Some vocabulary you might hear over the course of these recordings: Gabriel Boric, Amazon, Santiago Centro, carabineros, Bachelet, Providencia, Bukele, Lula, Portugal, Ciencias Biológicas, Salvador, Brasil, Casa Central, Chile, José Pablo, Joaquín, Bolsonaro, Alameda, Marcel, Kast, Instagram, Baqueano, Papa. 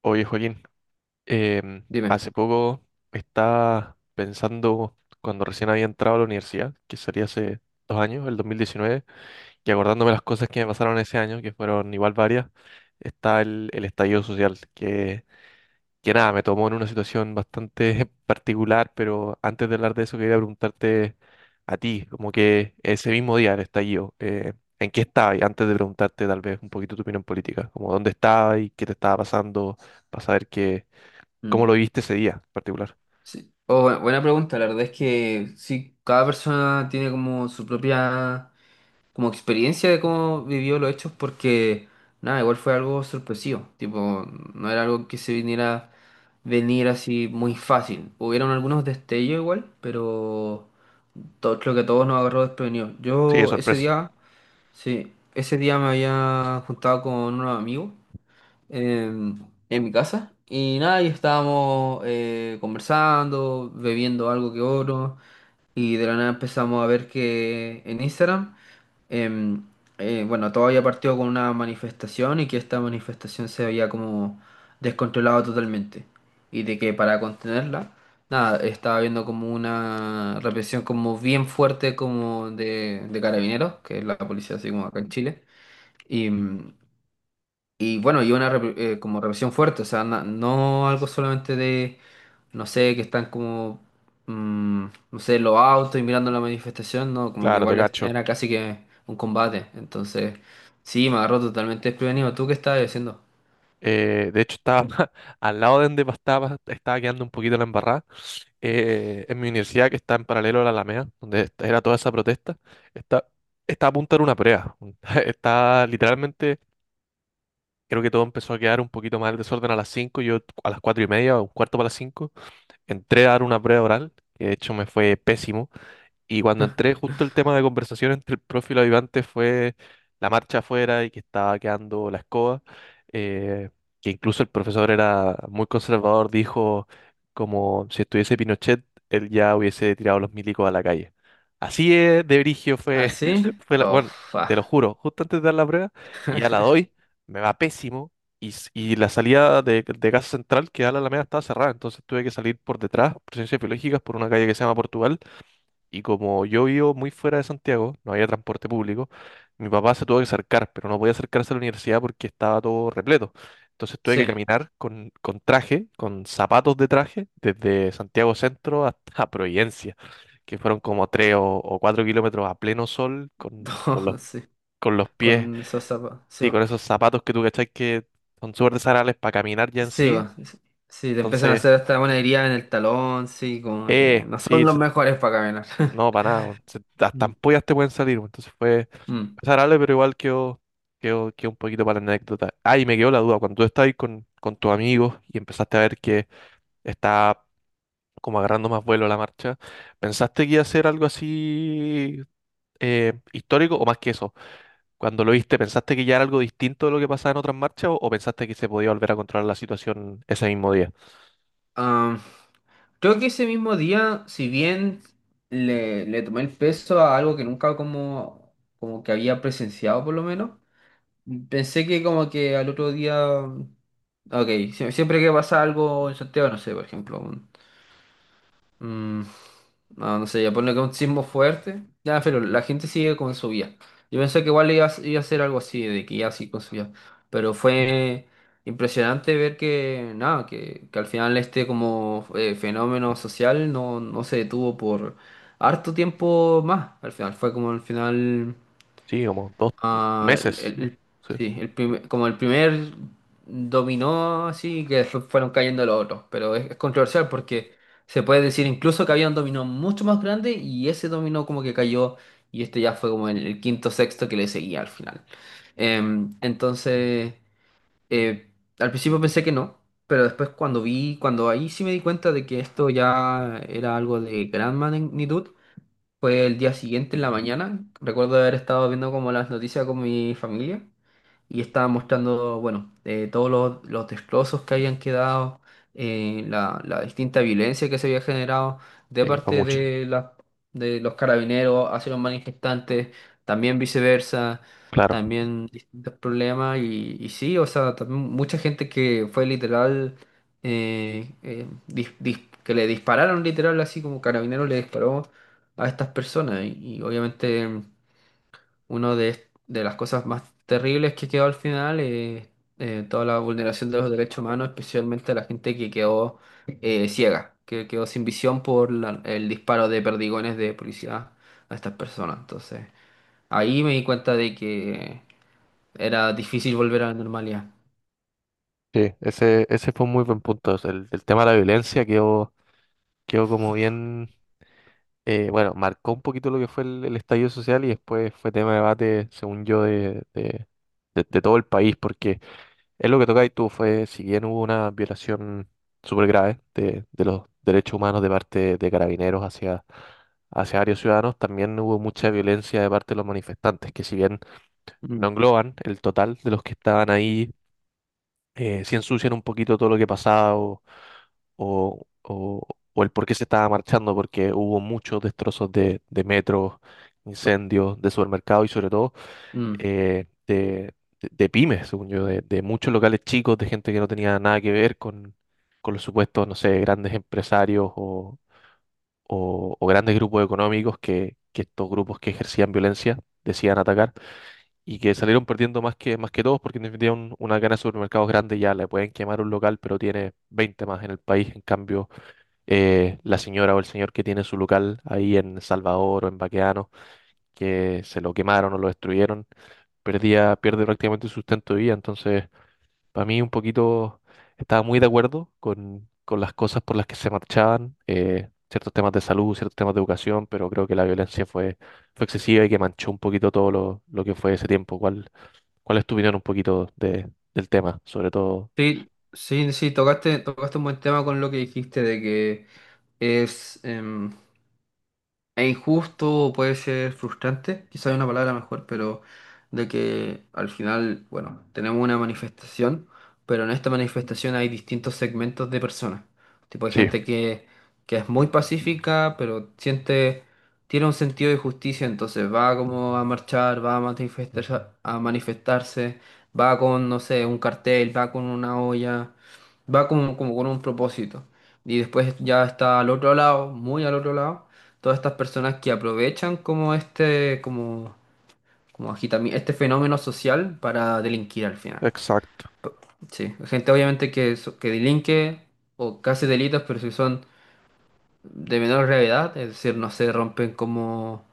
Oye, Joaquín, Dime. hace poco estaba pensando cuando recién había entrado a la universidad, que sería hace 2 años, el 2019, y acordándome las cosas que me pasaron ese año, que fueron igual varias, está el estallido social, que nada, me tomó en una situación bastante particular, pero antes de hablar de eso quería preguntarte a ti, como que ese mismo día del estallido, ¿en qué estabas? Y antes de preguntarte tal vez un poquito tu opinión política, como dónde estabas y qué te estaba pasando, para saber qué. ¿Cómo Mm, lo viste ese día en particular? sí. Oh, buena pregunta. La verdad es que sí, cada persona tiene como su propia como experiencia de cómo vivió los hechos porque nada, igual fue algo sorpresivo. Tipo, no era algo que se viniera venir así muy fácil. Hubieron algunos destellos igual, pero todo, creo que a todos nos agarró desprevenidos. Sí, de Yo ese sorpresa. día, sí, ese día me había juntado con unos amigos em, en mi casa. Y nada, y estábamos conversando, bebiendo algo que otro. Y de la nada empezamos a ver que en Instagram, em, bueno, todo había partido con una manifestación y que esta manifestación se había como descontrolado totalmente. Y de que para contenerla, nada, estaba viendo como una represión como bien fuerte como de carabineros, que es la policía así como acá en Chile. Y, mm, y bueno, y una como represión fuerte, o sea, no algo solamente de, no sé, que están como, mm, no sé, los autos y mirando la manifestación, no, como que Claro, te igual cacho. era casi que un combate. Entonces, sí, me agarró totalmente desprevenido. ¿Tú qué estabas haciendo? De hecho, estaba al lado de donde estaba quedando un poquito la embarrada. En mi universidad, que está en paralelo a la Alameda, donde era toda esa protesta, está, está a punto de una prueba. Está literalmente, creo que todo empezó a quedar un poquito más el desorden a las 5. Yo a las 4 y media, o un cuarto para las 5, entré a dar una prueba oral, que de hecho me fue pésimo. Y cuando entré, justo el tema de conversación entre el profe y los ayudantes fue la marcha afuera y que estaba quedando la escoba. eh, que incluso el profesor era muy conservador, dijo como si estuviese Pinochet, él ya hubiese tirado los milicos a la calle. Así es, de brigio ¿Ah, fue, sí? Oh, bueno, te fa. lo juro, justo antes de dar la prueba, y ya la doy, me va pésimo. Y la salida de Casa Central, que da a la Alameda, estaba cerrada, entonces tuve que salir por detrás, por Ciencias Biológicas, por una calle que se llama Portugal. Y como yo vivo muy fuera de Santiago, no había transporte público, mi papá se tuvo que acercar, pero no podía acercarse a la universidad porque estaba todo repleto. Entonces tuve que Sí, caminar con traje, con zapatos de traje, desde Santiago Centro hasta Providencia, que fueron como tres o cuatro kilómetros a pleno sol, con Oh, sí, con los pies, con esos zapatos, sí, sí, con va. esos zapatos que tú cachai que son súper desagradables para caminar ya en Sí, sí. va. Sí, te empiezan a Entonces, hacer hasta una herida en el talón, sí, como que no son sí. los mejores para caminar. No, para nada, weón. Hasta Mm. ampollas te pueden salir, weón. Entonces fue Mm. desagradable, pero igual quedó un poquito para la anécdota. Ah, y me quedó la duda, cuando tú estabas ahí con tus amigos y empezaste a ver que está como agarrando más vuelo la marcha, ¿pensaste que iba a ser algo así histórico o más que eso? Cuando lo viste, ¿pensaste que ya era algo distinto de lo que pasaba en otras marchas o pensaste que se podía volver a controlar la situación ese mismo día? Ah, creo que ese mismo día, si bien le tomé el peso a algo que nunca como, como que había presenciado por lo menos, pensé que como que al otro día, ok, siempre que pasa algo en Santiago, no sé, por ejemplo, mm, no, no sé, ya pone que un sismo fuerte. Ya, pero la gente sigue con su vida. Yo pensé que igual iba, a iba a ser algo así, de que ya sí con su vida. Pero fue impresionante ver que, nada, que al final este como fenómeno social no, no se detuvo por harto tiempo más. Al final fue como al final Sí, como dos Ah, el- meses, ¿no? el- Sí, sí, como el primer dominó así que fueron cayendo los otros, pero es controversial porque se puede decir incluso que había un dominó mucho más grande y ese dominó como que cayó y este ya fue como el quinto sexto que le seguía al final. Entonces, eh, al principio pensé que no, pero después cuando vi, cuando ahí sí me di cuenta de que esto ya era algo de gran magnitud, fue el día siguiente en la mañana. Recuerdo haber estado viendo como las noticias con mi familia y estaba mostrando, bueno, todos los destrozos que habían quedado, la, la distinta violencia que se había generado de sí, fue parte mucho. De los carabineros hacia los manifestantes, también viceversa, Claro. también distintos problemas y sí, o sea, también mucha gente que fue literal, que le dispararon literal, así como carabineros le disparó a estas personas y obviamente... Uno de las cosas más terribles que quedó al final es toda la vulneración de los derechos humanos, especialmente a la gente que quedó ciega, que quedó sin visión por el disparo de perdigones de policía a estas personas. Entonces, ahí me di cuenta de que era difícil volver a la normalidad. Sí, ese fue un muy buen punto. O sea, el tema de la violencia quedó como bien, bueno, marcó un poquito lo que fue el estallido social y después fue tema de debate, según yo, de todo el país, porque es lo que toca y tú fue, si bien hubo una violación súper grave de los derechos humanos de parte de carabineros hacia, hacia varios ciudadanos, también hubo mucha violencia de parte de los manifestantes, que si bien no Mm, engloban el total de los que estaban ahí, sí ensucian un poquito todo lo que pasaba o, o- o el por qué se estaba marchando, porque hubo muchos destrozos de metros, incendios, de supermercados y sobre todo mm. eh, de, de pymes, según yo, de muchos locales chicos, de gente que no tenía nada que ver con los supuestos, no sé, grandes empresarios o grandes grupos económicos que estos grupos que ejercían violencia decían atacar y que salieron perdiendo más más que todos porque en definitiva una cadena de supermercados grande ya le pueden quemar un local, pero tiene 20 más en el país. En cambio, la señora o el señor que tiene su local ahí en Salvador o en Baqueano que se lo quemaron o lo destruyeron, pierde prácticamente su sustento de vida. Entonces, para mí un poquito estaba muy de acuerdo con las cosas por las que se marchaban, ciertos temas de salud, ciertos temas de educación, pero creo que la violencia fue excesiva y que manchó un poquito todo lo que fue ese tiempo. ¿Cuál es tu opinión un poquito de, del tema? Sobre todo, Sí, sí, sí, tocaste, tocaste un buen tema con lo que dijiste de que es... es injusto o puede ser frustrante, quizá hay una palabra mejor, pero de que al final, bueno, tenemos una manifestación, pero en esta manifestación hay distintos segmentos de personas. Tipo, hay sí. gente que es muy pacífica, pero siente, tiene un sentido de justicia, entonces va como a marchar, va a manifestar, a manifestarse, va con, no sé, un cartel, va con una olla, va como, como con un propósito. Y después ya está al otro lado, muy al otro lado todas estas personas que aprovechan como este, como, este fenómeno social para delinquir al final. Exacto. Sí, gente obviamente que delinque o casi delitos, pero si son de menor gravedad, es decir, no se rompen como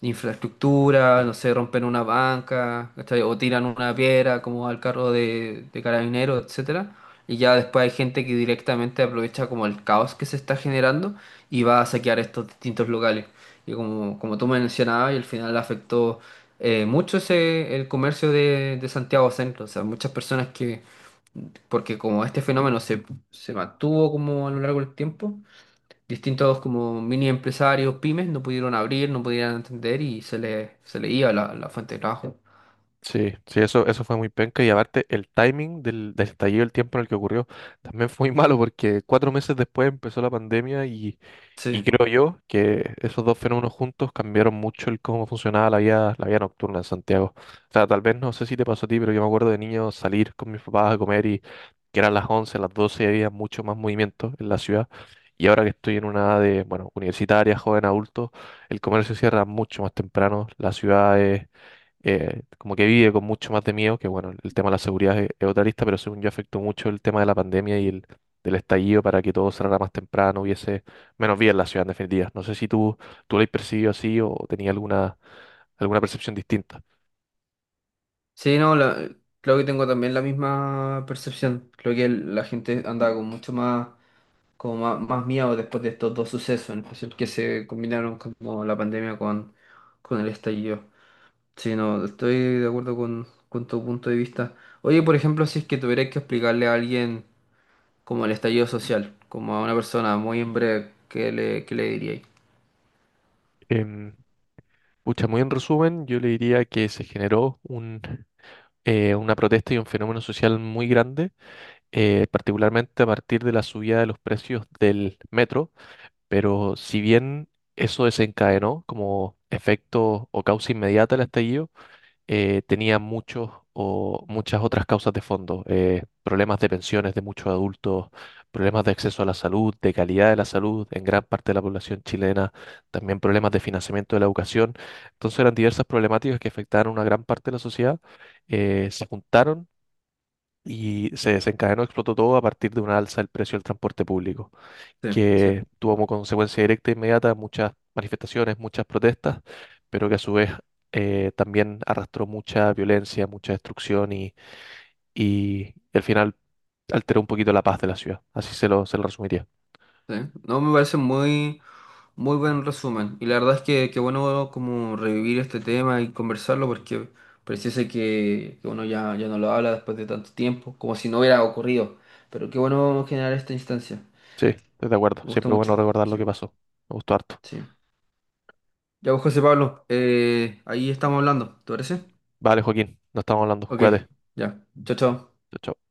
infraestructura, no sé, rompen una banca, ¿cachai? O tiran una piedra como al carro de carabineros, etcétera. Y ya después hay gente que directamente aprovecha como el caos que se está generando y va a saquear estos distintos locales. Y como, como tú mencionabas, y al final afectó mucho ese, el comercio de Santiago Centro. O sea, muchas personas que, porque como este fenómeno se, se mantuvo como a lo largo del tiempo, distintos como mini empresarios, pymes, no pudieron abrir, no pudieron entender y se les se le iba la, la fuente de trabajo. Sí, sí, eso fue muy penca y aparte el timing del estallido, el tiempo en el que ocurrió, también fue muy malo porque 4 meses después empezó la pandemia y Sí, creo yo que esos dos fenómenos juntos cambiaron mucho el cómo funcionaba la vida nocturna en Santiago. O sea, tal vez no sé si te pasó a ti, pero yo me acuerdo de niño salir con mis papás a comer y que eran las 11, las 12 y había mucho más movimiento en la ciudad. Y ahora que estoy en una edad de, bueno, universitaria, joven adulto, el comercio cierra mucho más temprano, la ciudad es como que vive con mucho más de miedo, que bueno, el tema de la seguridad es otra lista, pero según yo afectó mucho el tema de la pandemia y del estallido para que todo cerrara más temprano, hubiese menos vida en la ciudad en definitiva. No sé si tú lo has percibido así o tenías alguna percepción distinta. sí, no, creo que tengo también la misma percepción. Creo que la gente andaba con mucho más, como más, más miedo después de estos dos sucesos, en especial que se combinaron como la pandemia con el estallido. Sí, no, estoy de acuerdo con tu punto de vista. Oye, por ejemplo, si es que tuvieras que explicarle a alguien como el estallido social, como a una persona muy en breve, qué le diríais? Em, pucha, muy en resumen, yo le diría que se generó una protesta y un fenómeno social muy grande, particularmente a partir de la subida de los precios del metro. Pero si bien eso desencadenó como efecto o causa inmediata el estallido, tenía muchos o muchas otras causas de fondo, problemas de pensiones de muchos adultos, problemas de acceso a la salud, de calidad de la salud en gran parte de la población chilena, también problemas de financiamiento de la educación. Entonces eran diversas problemáticas que afectaban a una gran parte de la sociedad, se juntaron y se desencadenó, explotó todo a partir de una alza del precio del transporte público Sí, que sí. tuvo como consecuencia directa e inmediata muchas manifestaciones, muchas protestas, pero que a su vez también arrastró mucha violencia, mucha destrucción y al final alteró un poquito la paz de la ciudad. Así se lo resumiría. ¿Sí? No, me parece muy, muy buen resumen. Y la verdad es que bueno como revivir este tema y conversarlo porque pareciese que uno ya, ya no lo habla después de tanto tiempo, como si no hubiera ocurrido. Pero qué bueno generar esta instancia. Sí, estoy de acuerdo. Me gusta Siempre es mucho. bueno recordar lo Sí, que pasó. Me gustó harto. sí. Ya pues, José Pablo, ahí estamos hablando, ¿te parece? Vale, Joaquín, nos estamos hablando. Ok, Cuídate. ya. Chao, chao. Chao, chao.